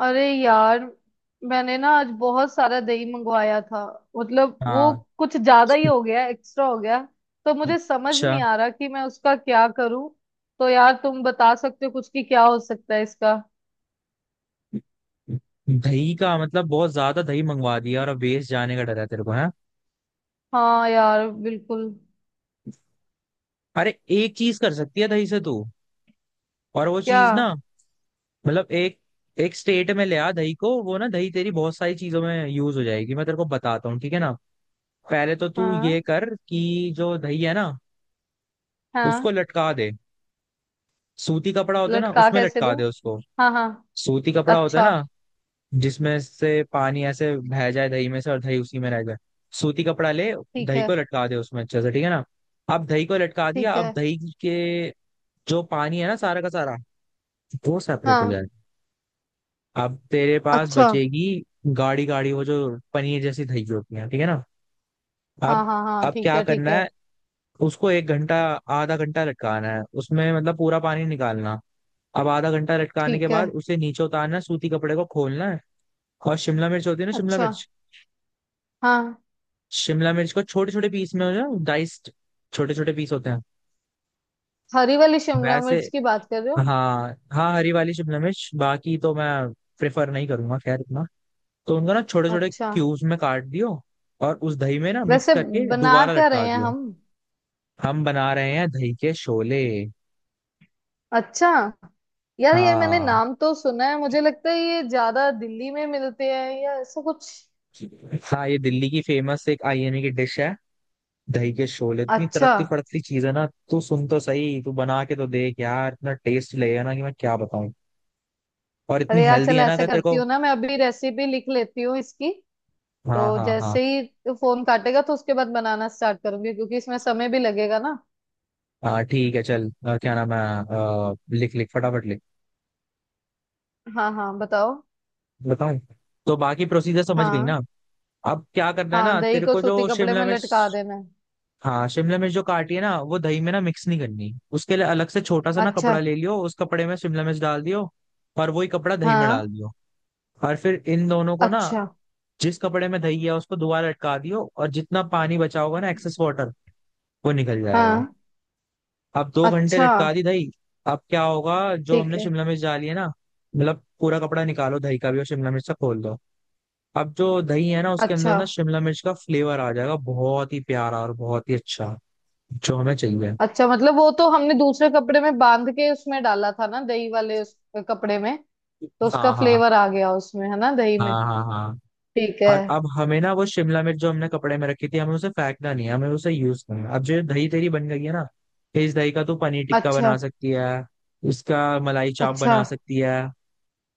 अरे यार, मैंने ना आज बहुत सारा दही मंगवाया था। मतलब वो हाँ। कुछ ज्यादा ही हो गया, एक्स्ट्रा हो गया। तो मुझे समझ अच्छा। नहीं आ रहा कि मैं उसका क्या करूं। तो यार तुम बता सकते हो कुछ कि क्या हो सकता है इसका। दही का मतलब बहुत ज्यादा दही मंगवा दिया और अब वेस्ट जाने का डर है तेरे को है। हाँ यार, बिल्कुल। अरे एक चीज कर सकती है दही से तू, और वो क्या? चीज ना, मतलब एक एक स्टेट में ले आ दही को, वो ना दही तेरी बहुत सारी चीजों में यूज हो जाएगी। मैं तेरे को बताता हूँ, ठीक है ना। पहले तो तू हाँ, ये कर कि जो दही है ना उसको हाँ। लटका दे। सूती कपड़ा होता है ना, लटका उसमें कैसे लटका दूं? दे उसको। हाँ हाँ। सूती कपड़ा होता है अच्छा। ना जिसमें से पानी ऐसे बह जाए दही में से, और दही उसी में रह जाए। सूती कपड़ा ले, ठीक दही है, को लटका दे उसमें अच्छे से, ठीक है ना। अब दही को लटका दिया। ठीक अब है। दही के जो पानी है ना, सारा का सारा वो सेपरेट हो हाँ। जाएगा। अब तेरे पास अच्छा। बचेगी गाढ़ी गाढ़ी वो जो पनीर जैसी दही होती है, ठीक है ना। हाँ अब हाँ हाँ, अब ठीक क्या है, ठीक करना है। है। उसको 1 घंटा, आधा घंटा लटकाना है, उसमें मतलब पूरा पानी निकालना। अब आधा घंटा लटकाने के ठीक है। बाद उसे नीचे उतारना है, सूती कपड़े को खोलना है। और शिमला मिर्च होती है ना, शिमला अच्छा। मिर्च। हाँ, शिमला मिर्च को छोटे छोटे पीस में हो जाए, डाइस्ड, छोटे छोटे पीस होते हैं हरी वाली शिमला वैसे। मिर्च की बात कर रहे हो? हाँ, हाँ, हरी वाली शिमला मिर्च, बाकी तो मैं प्रेफर नहीं करूंगा, खैर इतना। तो उनको ना छोटे छोटे अच्छा। क्यूब्स में काट दियो, और उस दही में ना मिक्स वैसे करके बना दोबारा क्या लटका रहे हैं दियो। हम? हम बना रहे हैं दही के शोले। अच्छा। यार ये मैंने हाँ, नाम तो सुना है, मुझे लगता है ये ज्यादा दिल्ली में मिलते हैं या ऐसा कुछ। हाँ, ये दिल्ली की फेमस एक आईएमए की डिश है। दही के शोले इतनी अच्छा। तड़कती फड़कती चीज है ना। तू सुन तो सही, तू बना के तो देख यार, इतना टेस्ट लगेगा ना कि मैं क्या बताऊं। और इतनी अरे यार हेल्दी चल, है ना, ऐसे अगर तेरे करती को। हूँ ना, मैं अभी रेसिपी लिख लेती हूँ इसकी। हाँ, तो हाँ, हाँ, जैसे ही फोन काटेगा तो उसके बाद बनाना स्टार्ट करूंगी, क्योंकि इसमें समय भी लगेगा ना। हाँ, ठीक है चल। क्या नाम है, लिख लिख फटाफट लिख। हाँ हाँ, बताओ। बताऊं? तो बाकी प्रोसीजर समझ गई ना। हाँ, अब क्या करना है हाँ ना दही तेरे को को, सूती जो कपड़े शिमला में लटका मिर्च। देना है। हाँ, शिमला मिर्च जो काटी है ना वो दही में ना मिक्स नहीं करनी। उसके लिए अलग से छोटा सा ना अच्छा। कपड़ा ले लियो, उस कपड़े में शिमला मिर्च डाल दियो। और वही कपड़ा दही में हाँ। डाल दियो। और फिर इन दोनों को ना, अच्छा। जिस कपड़े में दही है उसको दोबारा लटका दियो, और जितना पानी बचा होगा ना, एक्सेस वाटर, वो निकल जाएगा। हाँ। अब 2 घंटे अच्छा। लटका दी दही। अब क्या होगा जो ठीक हमने है। शिमला मिर्च डाली है ना, मतलब पूरा कपड़ा निकालो दही का भी, और शिमला मिर्च से खोल दो। अब जो दही है ना उसके अंदर अच्छा। ना शिमला मिर्च का फ्लेवर आ जाएगा, बहुत ही प्यारा और बहुत ही अच्छा, जो हमें चाहिए। अच्छा मतलब वो तो हमने दूसरे कपड़े में बांध के उसमें डाला था ना, दही वाले उस कपड़े में। तो उसका हाँ, हाँ, फ्लेवर आ गया उसमें, है ना, दही में। हाँ, हाँ, हाँ। ठीक है। और अब हमें ना वो शिमला मिर्च जो हमने कपड़े में रखी थी, हमें उसे फेंकना नहीं है, हमें उसे यूज करना है। अब जो दही तेरी बन गई है ना, इस दही का तू पनीर टिक्का अच्छा। बना सकती है, इसका मलाई चाप अच्छा। बना सकती है,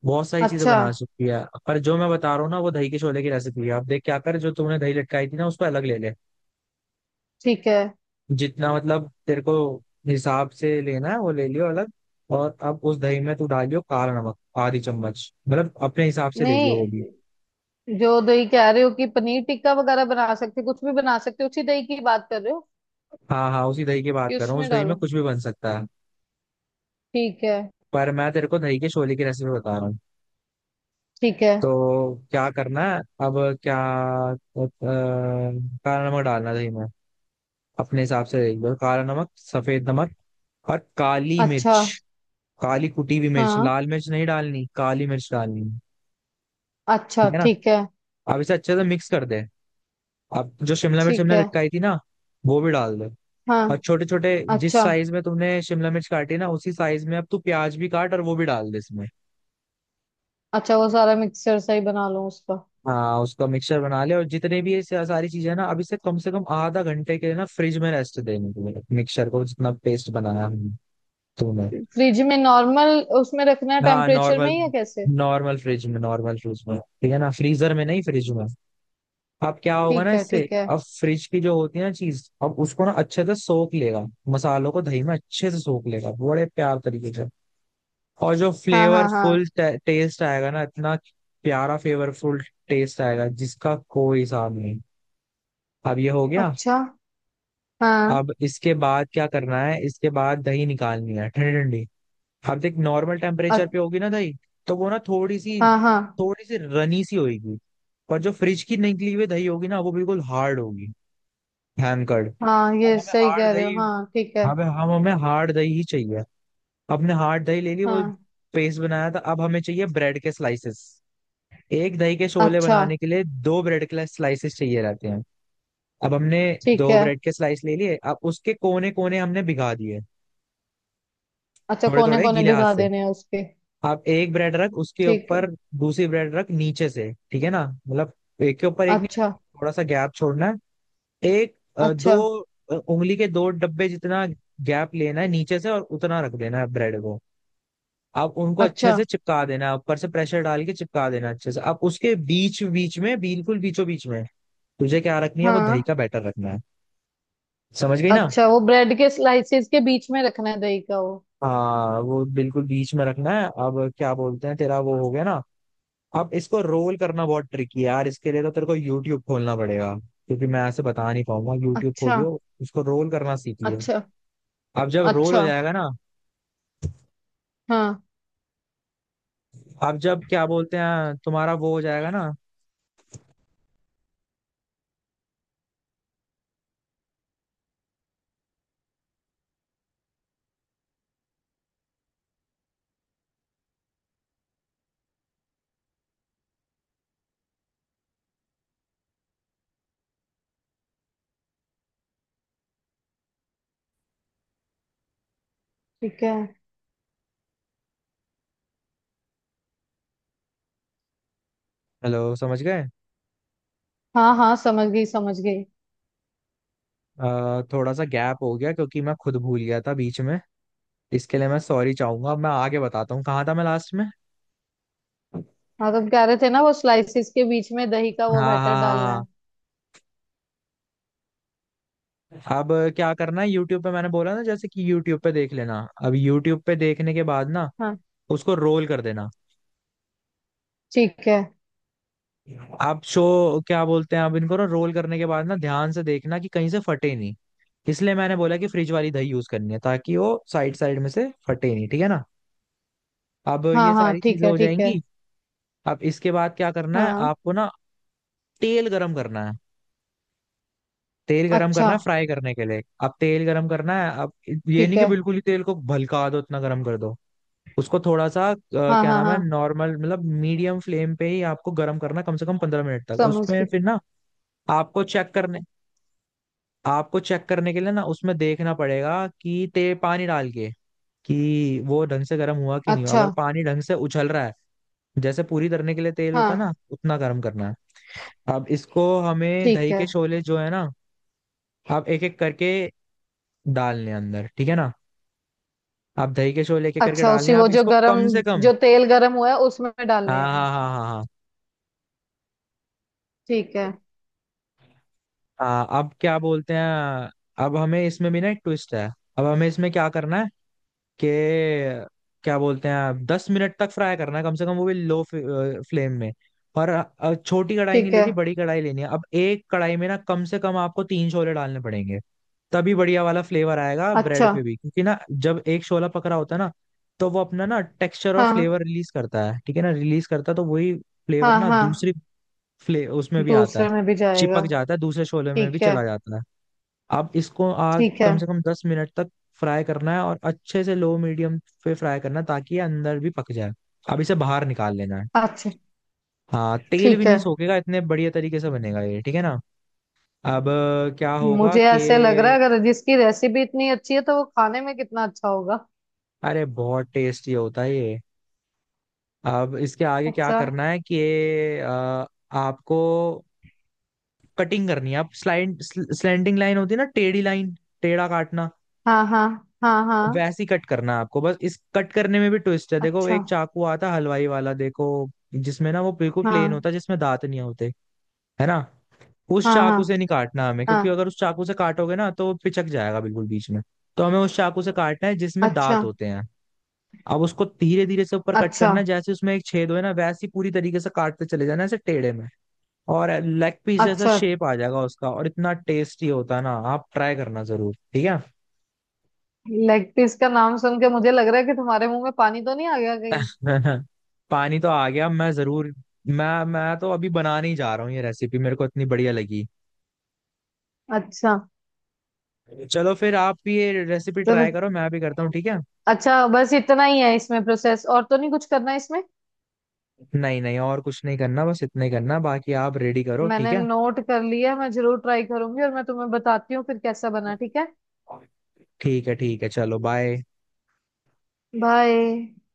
बहुत सारी चीजें अच्छा। बना सकती है, पर जो मैं बता रहा हूँ ना वो दही के छोले की रेसिपी है। आप देख क्या कर, जो तूने दही लटकाई थी ना उसको अलग ले ले, ठीक है। जितना मतलब तेरे को हिसाब से लेना है वो ले लियो अलग। और अब उस दही में तू डालियो काला नमक आधी चम्मच, मतलब अपने हिसाब से ले लियो नहीं, वो भी। जो दही कह रहे हो कि पनीर टिक्का वगैरह बना सकते हो, कुछ भी बना सकते हो, उसी दही की बात कर रहे हो हाँ, हाँ, उसी दही की बात कि कर रहा हूँ, उसमें उस दही में डालो? कुछ भी बन सकता है। ठीक है। पर मैं तेरे को दही के छोले की रेसिपी बता रहा हूँ। ठीक है। तो क्या करना है, अब क्या, अ, काला नमक डालना है दही में, अपने हिसाब से ले लियो, काला नमक, सफेद नमक और काली अच्छा। मिर्च, काली कुटी हुई मिर्च, हाँ। लाल मिर्च नहीं डालनी, काली मिर्च डालनी है, अच्छा, ठीक है ना। ठीक है। अब इसे अच्छे से मिक्स कर दे। अब जो शिमला मिर्च ठीक हमने है। लटकाई थी ना वो भी डाल दे, और हाँ। छोटे छोटे जिस अच्छा। साइज में तुमने शिमला मिर्च काटी ना उसी साइज में अब तू प्याज भी काट और वो भी डाल दे इसमें। अच्छा वो सारा मिक्सचर सही बना लो उसका। हाँ, उसका मिक्सचर बना ले, और जितने भी ये सारी चीजें हैं ना, अब इसे कम से कम आधा घंटे के लिए ना फ्रिज में रेस्ट देने, तुम्हें मिक्सचर को जितना पेस्ट बनाया हमने, तूने। फ्रिज में नॉर्मल उसमें रखना है हाँ, टेम्परेचर में नॉर्मल। ही या कैसे? नॉर्मल फ्रिज में, नॉर्मल फ्रिज में, ठीक है ना, फ्रीजर में नहीं, फ्रिज में। अब क्या होगा ना ठीक है, इससे। ठीक है। अब फ्रिज की जो होती है ना चीज, अब उसको ना अच्छे से सोख लेगा, मसालों को दही में अच्छे से सोख लेगा, बड़े प्यार तरीके से। और जो हाँ हाँ हाँ। फ्लेवरफुल टेस्ट आएगा ना इतना प्यारा फ्लेवरफुल टेस्ट आएगा, जिसका कोई हिसाब नहीं। अब ये हो गया। अच्छा। हाँ। अब इसके बाद क्या करना है, इसके बाद दही निकालनी है ठंडी ठंडी। अब देख नॉर्मल टेम्परेचर अ- पे होगी ना दही, तो वो ना हाँ हाँ, थोड़ी सी रनी सी होगी, पर जो फ्रिज की निकली हुई दही होगी ना वो बिल्कुल हार्ड होगी, हैंकर्ड। हाँ और ये हमें सही हार्ड कह रहे हो, दही, हाँ ठीक है। हमें, हम हमें हार्ड दही ही चाहिए। अपने हार्ड दही ले ली, वो हाँ। पेस्ट बनाया था। अब हमें चाहिए ब्रेड के स्लाइसेस। एक दही के शोले अच्छा। बनाने के लिए दो ब्रेड के स्लाइसेस चाहिए रहते हैं। अब हमने ठीक दो है। ब्रेड के स्लाइस ले लिए, अब उसके कोने कोने हमने भिगा दिए अच्छा थोड़े कोने थोड़े कोने गीले हाथ भिगा से। देने हैं उसके? अब एक ब्रेड रख, उसके ठीक है। ऊपर दूसरी ब्रेड रख नीचे से, ठीक है ना, मतलब एक के ऊपर एक नहीं, अच्छा। थोड़ा सा गैप छोड़ना है। एक, अच्छा। दो, उंगली के दो डब्बे जितना गैप लेना है नीचे से, और उतना रख देना है ब्रेड को। आप उनको अच्छे अच्छा। से चिपका देना है, ऊपर से प्रेशर डाल के चिपका देना अच्छे से, अब उसके बीच बीच में, बिल्कुल बीचों बीच में तुझे क्या रखनी है, वो दही हाँ। का बैटर रखना है। समझ गई ना। अच्छा वो ब्रेड के स्लाइसेस के बीच में रखना है दही का वो। हाँ, वो बिल्कुल बीच में रखना है। अब क्या बोलते हैं, तेरा वो हो गया ना। अब इसको रोल करना बहुत ट्रिकी है यार, इसके लिए तो तेरे को यूट्यूब खोलना पड़ेगा क्योंकि मैं ऐसे बता नहीं पाऊंगा। यूट्यूब अच्छा। खोलियो, उसको रोल करना सीख लियो। अच्छा। अब जब रोल हो अच्छा। जाएगा ना, हाँ। अब जब क्या बोलते हैं तुम्हारा वो हो जाएगा ना। ठीक है। हेलो, समझ गए? हाँ हाँ, समझ गई, समझ गई। थोड़ा सा गैप हो गया क्योंकि मैं खुद भूल गया था बीच में, इसके लिए मैं सॉरी चाहूंगा। अब मैं आगे बताता हूँ, कहाँ था मैं लास्ट में। हाँ, तुम कह रहे थे ना वो स्लाइसिस के बीच में दही का वो हाँ, हाँ, बैटर हाँ, डालना हाँ। है। हाँ। अब क्या करना है, यूट्यूब पे मैंने बोला ना, जैसे कि यूट्यूब पे देख लेना। अब यूट्यूब पे देखने के बाद ना हाँ। उसको रोल कर देना। ठीक है। अब शो क्या बोलते हैं, अब इनको ना रोल करने के बाद ना ध्यान से देखना कि कहीं से फटे नहीं। इसलिए मैंने बोला कि फ्रिज वाली दही यूज करनी है, ताकि वो साइड साइड में से फटे नहीं, ठीक है ना। अब हाँ ये हाँ, सारी ठीक चीजें है, हो ठीक है। जाएंगी। अब इसके बाद क्या करना है हाँ। आपको ना, तेल गरम करना है। तेल गरम अच्छा। करना है फ्राई करने के लिए, अब तेल गरम करना है। अब ये नहीं ठीक कि है। बिल्कुल ही तेल को भलका दो, इतना गरम कर दो। उसको थोड़ा सा, हाँ क्या हाँ नाम हाँ, है, नॉर्मल मतलब मीडियम फ्लेम पे ही आपको गरम करना है, कम से कम 15 मिनट तक, और समझ उसमें गई। फिर ना आपको चेक करने, के लिए ना उसमें देखना पड़ेगा कि ते पानी डाल के कि वो ढंग से गर्म हुआ कि नहीं हुआ। अच्छा। अगर पानी ढंग से उछल रहा है, जैसे पूरी तरने के लिए तेल होता है ना, हाँ। उतना गर्म करना है। अब इसको हमें ठीक दही है। के शोले जो है ना आप एक एक करके डालने हैं अंदर, ठीक है ना। आप दही के शोले एक एक करके अच्छा डालने उसी हैं। वो आप जो इसको गरम, कम से कम। जो तेल गरम हुआ है उसमें हाँ, डालने हैं? हाँ, हाँ, हाँ, ठीक है। हाँ, हाँ। अब क्या बोलते हैं, अब हमें इसमें भी ना एक ट्विस्ट है। अब हमें इसमें क्या करना, के क्या बोलते हैं, आप 10 मिनट तक फ्राई करना है कम से कम, वो भी लो फ्लेम में। और छोटी कढ़ाई नहीं ठीक है। लेनी, बड़ी कढ़ाई लेनी है। अब एक कढ़ाई में ना कम से कम आपको तीन छोले डालने पड़ेंगे, तभी बढ़िया वाला फ्लेवर आएगा ब्रेड अच्छा। पे भी। क्योंकि ना जब एक शोला पक रहा होता है ना, तो वो अपना ना टेक्सचर और हाँ फ्लेवर रिलीज करता है, ठीक है ना, रिलीज करता है तो वही फ्लेवर हाँ ना हाँ। दूसरी फ्ले उसमें भी आता है, दूसरे में भी जाएगा। चिपक जाता है, दूसरे शोले में भी ठीक है। चला जाता है। अब इसको आज ठीक है। कम से कम 10 मिनट तक फ्राई करना है, और अच्छे से लो मीडियम पे फ्राई करना है ताकि ये अंदर भी पक जाए। अब इसे बाहर निकाल लेना है। अच्छा। हाँ, तेल भी ठीक है। नहीं सोखेगा, इतने बढ़िया तरीके से बनेगा ये, ठीक है ना। अब क्या होगा मुझे ऐसे लग रहा कि, है, अगर जिसकी रेसिपी इतनी अच्छी है तो वो खाने में कितना अच्छा होगा। अरे बहुत टेस्टी होता है ये। अब इसके आगे क्या अच्छा। करना है कि अ, आपको कटिंग करनी है। आप स्लाइड स्लैंडिंग लाइन होती है ना, टेढ़ी लाइन, टेढ़ा काटना, हाँ हाँ हाँ हाँ। वैसी कट करना है आपको। बस इस कट करने में भी ट्विस्ट है, देखो अच्छा। एक चाकू आता हलवाई वाला, देखो जिसमें ना वो बिल्कुल प्लेन हाँ होता है, जिसमें दांत नहीं होते, है ना। उस हाँ हाँ चाकू से नहीं काटना हमें, क्योंकि हाँ। अगर उस चाकू से काटोगे ना तो वो पिचक जाएगा बिल्कुल बीच में। तो हमें उस चाकू से काटना है जिसमें अच्छा। दांत होते हैं। अब उसको धीरे धीरे से ऊपर कट अच्छा। करना है, जैसे उसमें एक छेद हो, है ना, वैसे ही पूरी तरीके से काटते चले जाना ऐसे टेढ़े में। और लेग पीस जैसा अच्छा। शेप आ जाएगा उसका, और इतना टेस्टी होता है ना, आप ट्राई करना जरूर, ठीक है। लेग पीस का नाम सुन के मुझे लग रहा है कि तुम्हारे मुंह में पानी तो नहीं आ गया कहीं। पानी तो आ गया। मैं जरूर, मैं तो अभी बनाने ही जा रहा हूँ, ये रेसिपी मेरे को इतनी बढ़िया लगी। अच्छा। चलो फिर आप भी ये रेसिपी चलो। ट्राई करो, मैं भी करता हूँ, ठीक है। अच्छा बस इतना ही है इसमें प्रोसेस और तो नहीं कुछ करना है इसमें? नहीं, नहीं, और कुछ नहीं करना, बस इतना ही करना, बाकी आप रेडी करो, ठीक मैंने है। नोट कर लिया, मैं जरूर ट्राई करूंगी और मैं तुम्हें बताती हूँ फिर कैसा बना, ठीक है। ठीक है, ठीक है, चलो बाय। बाय।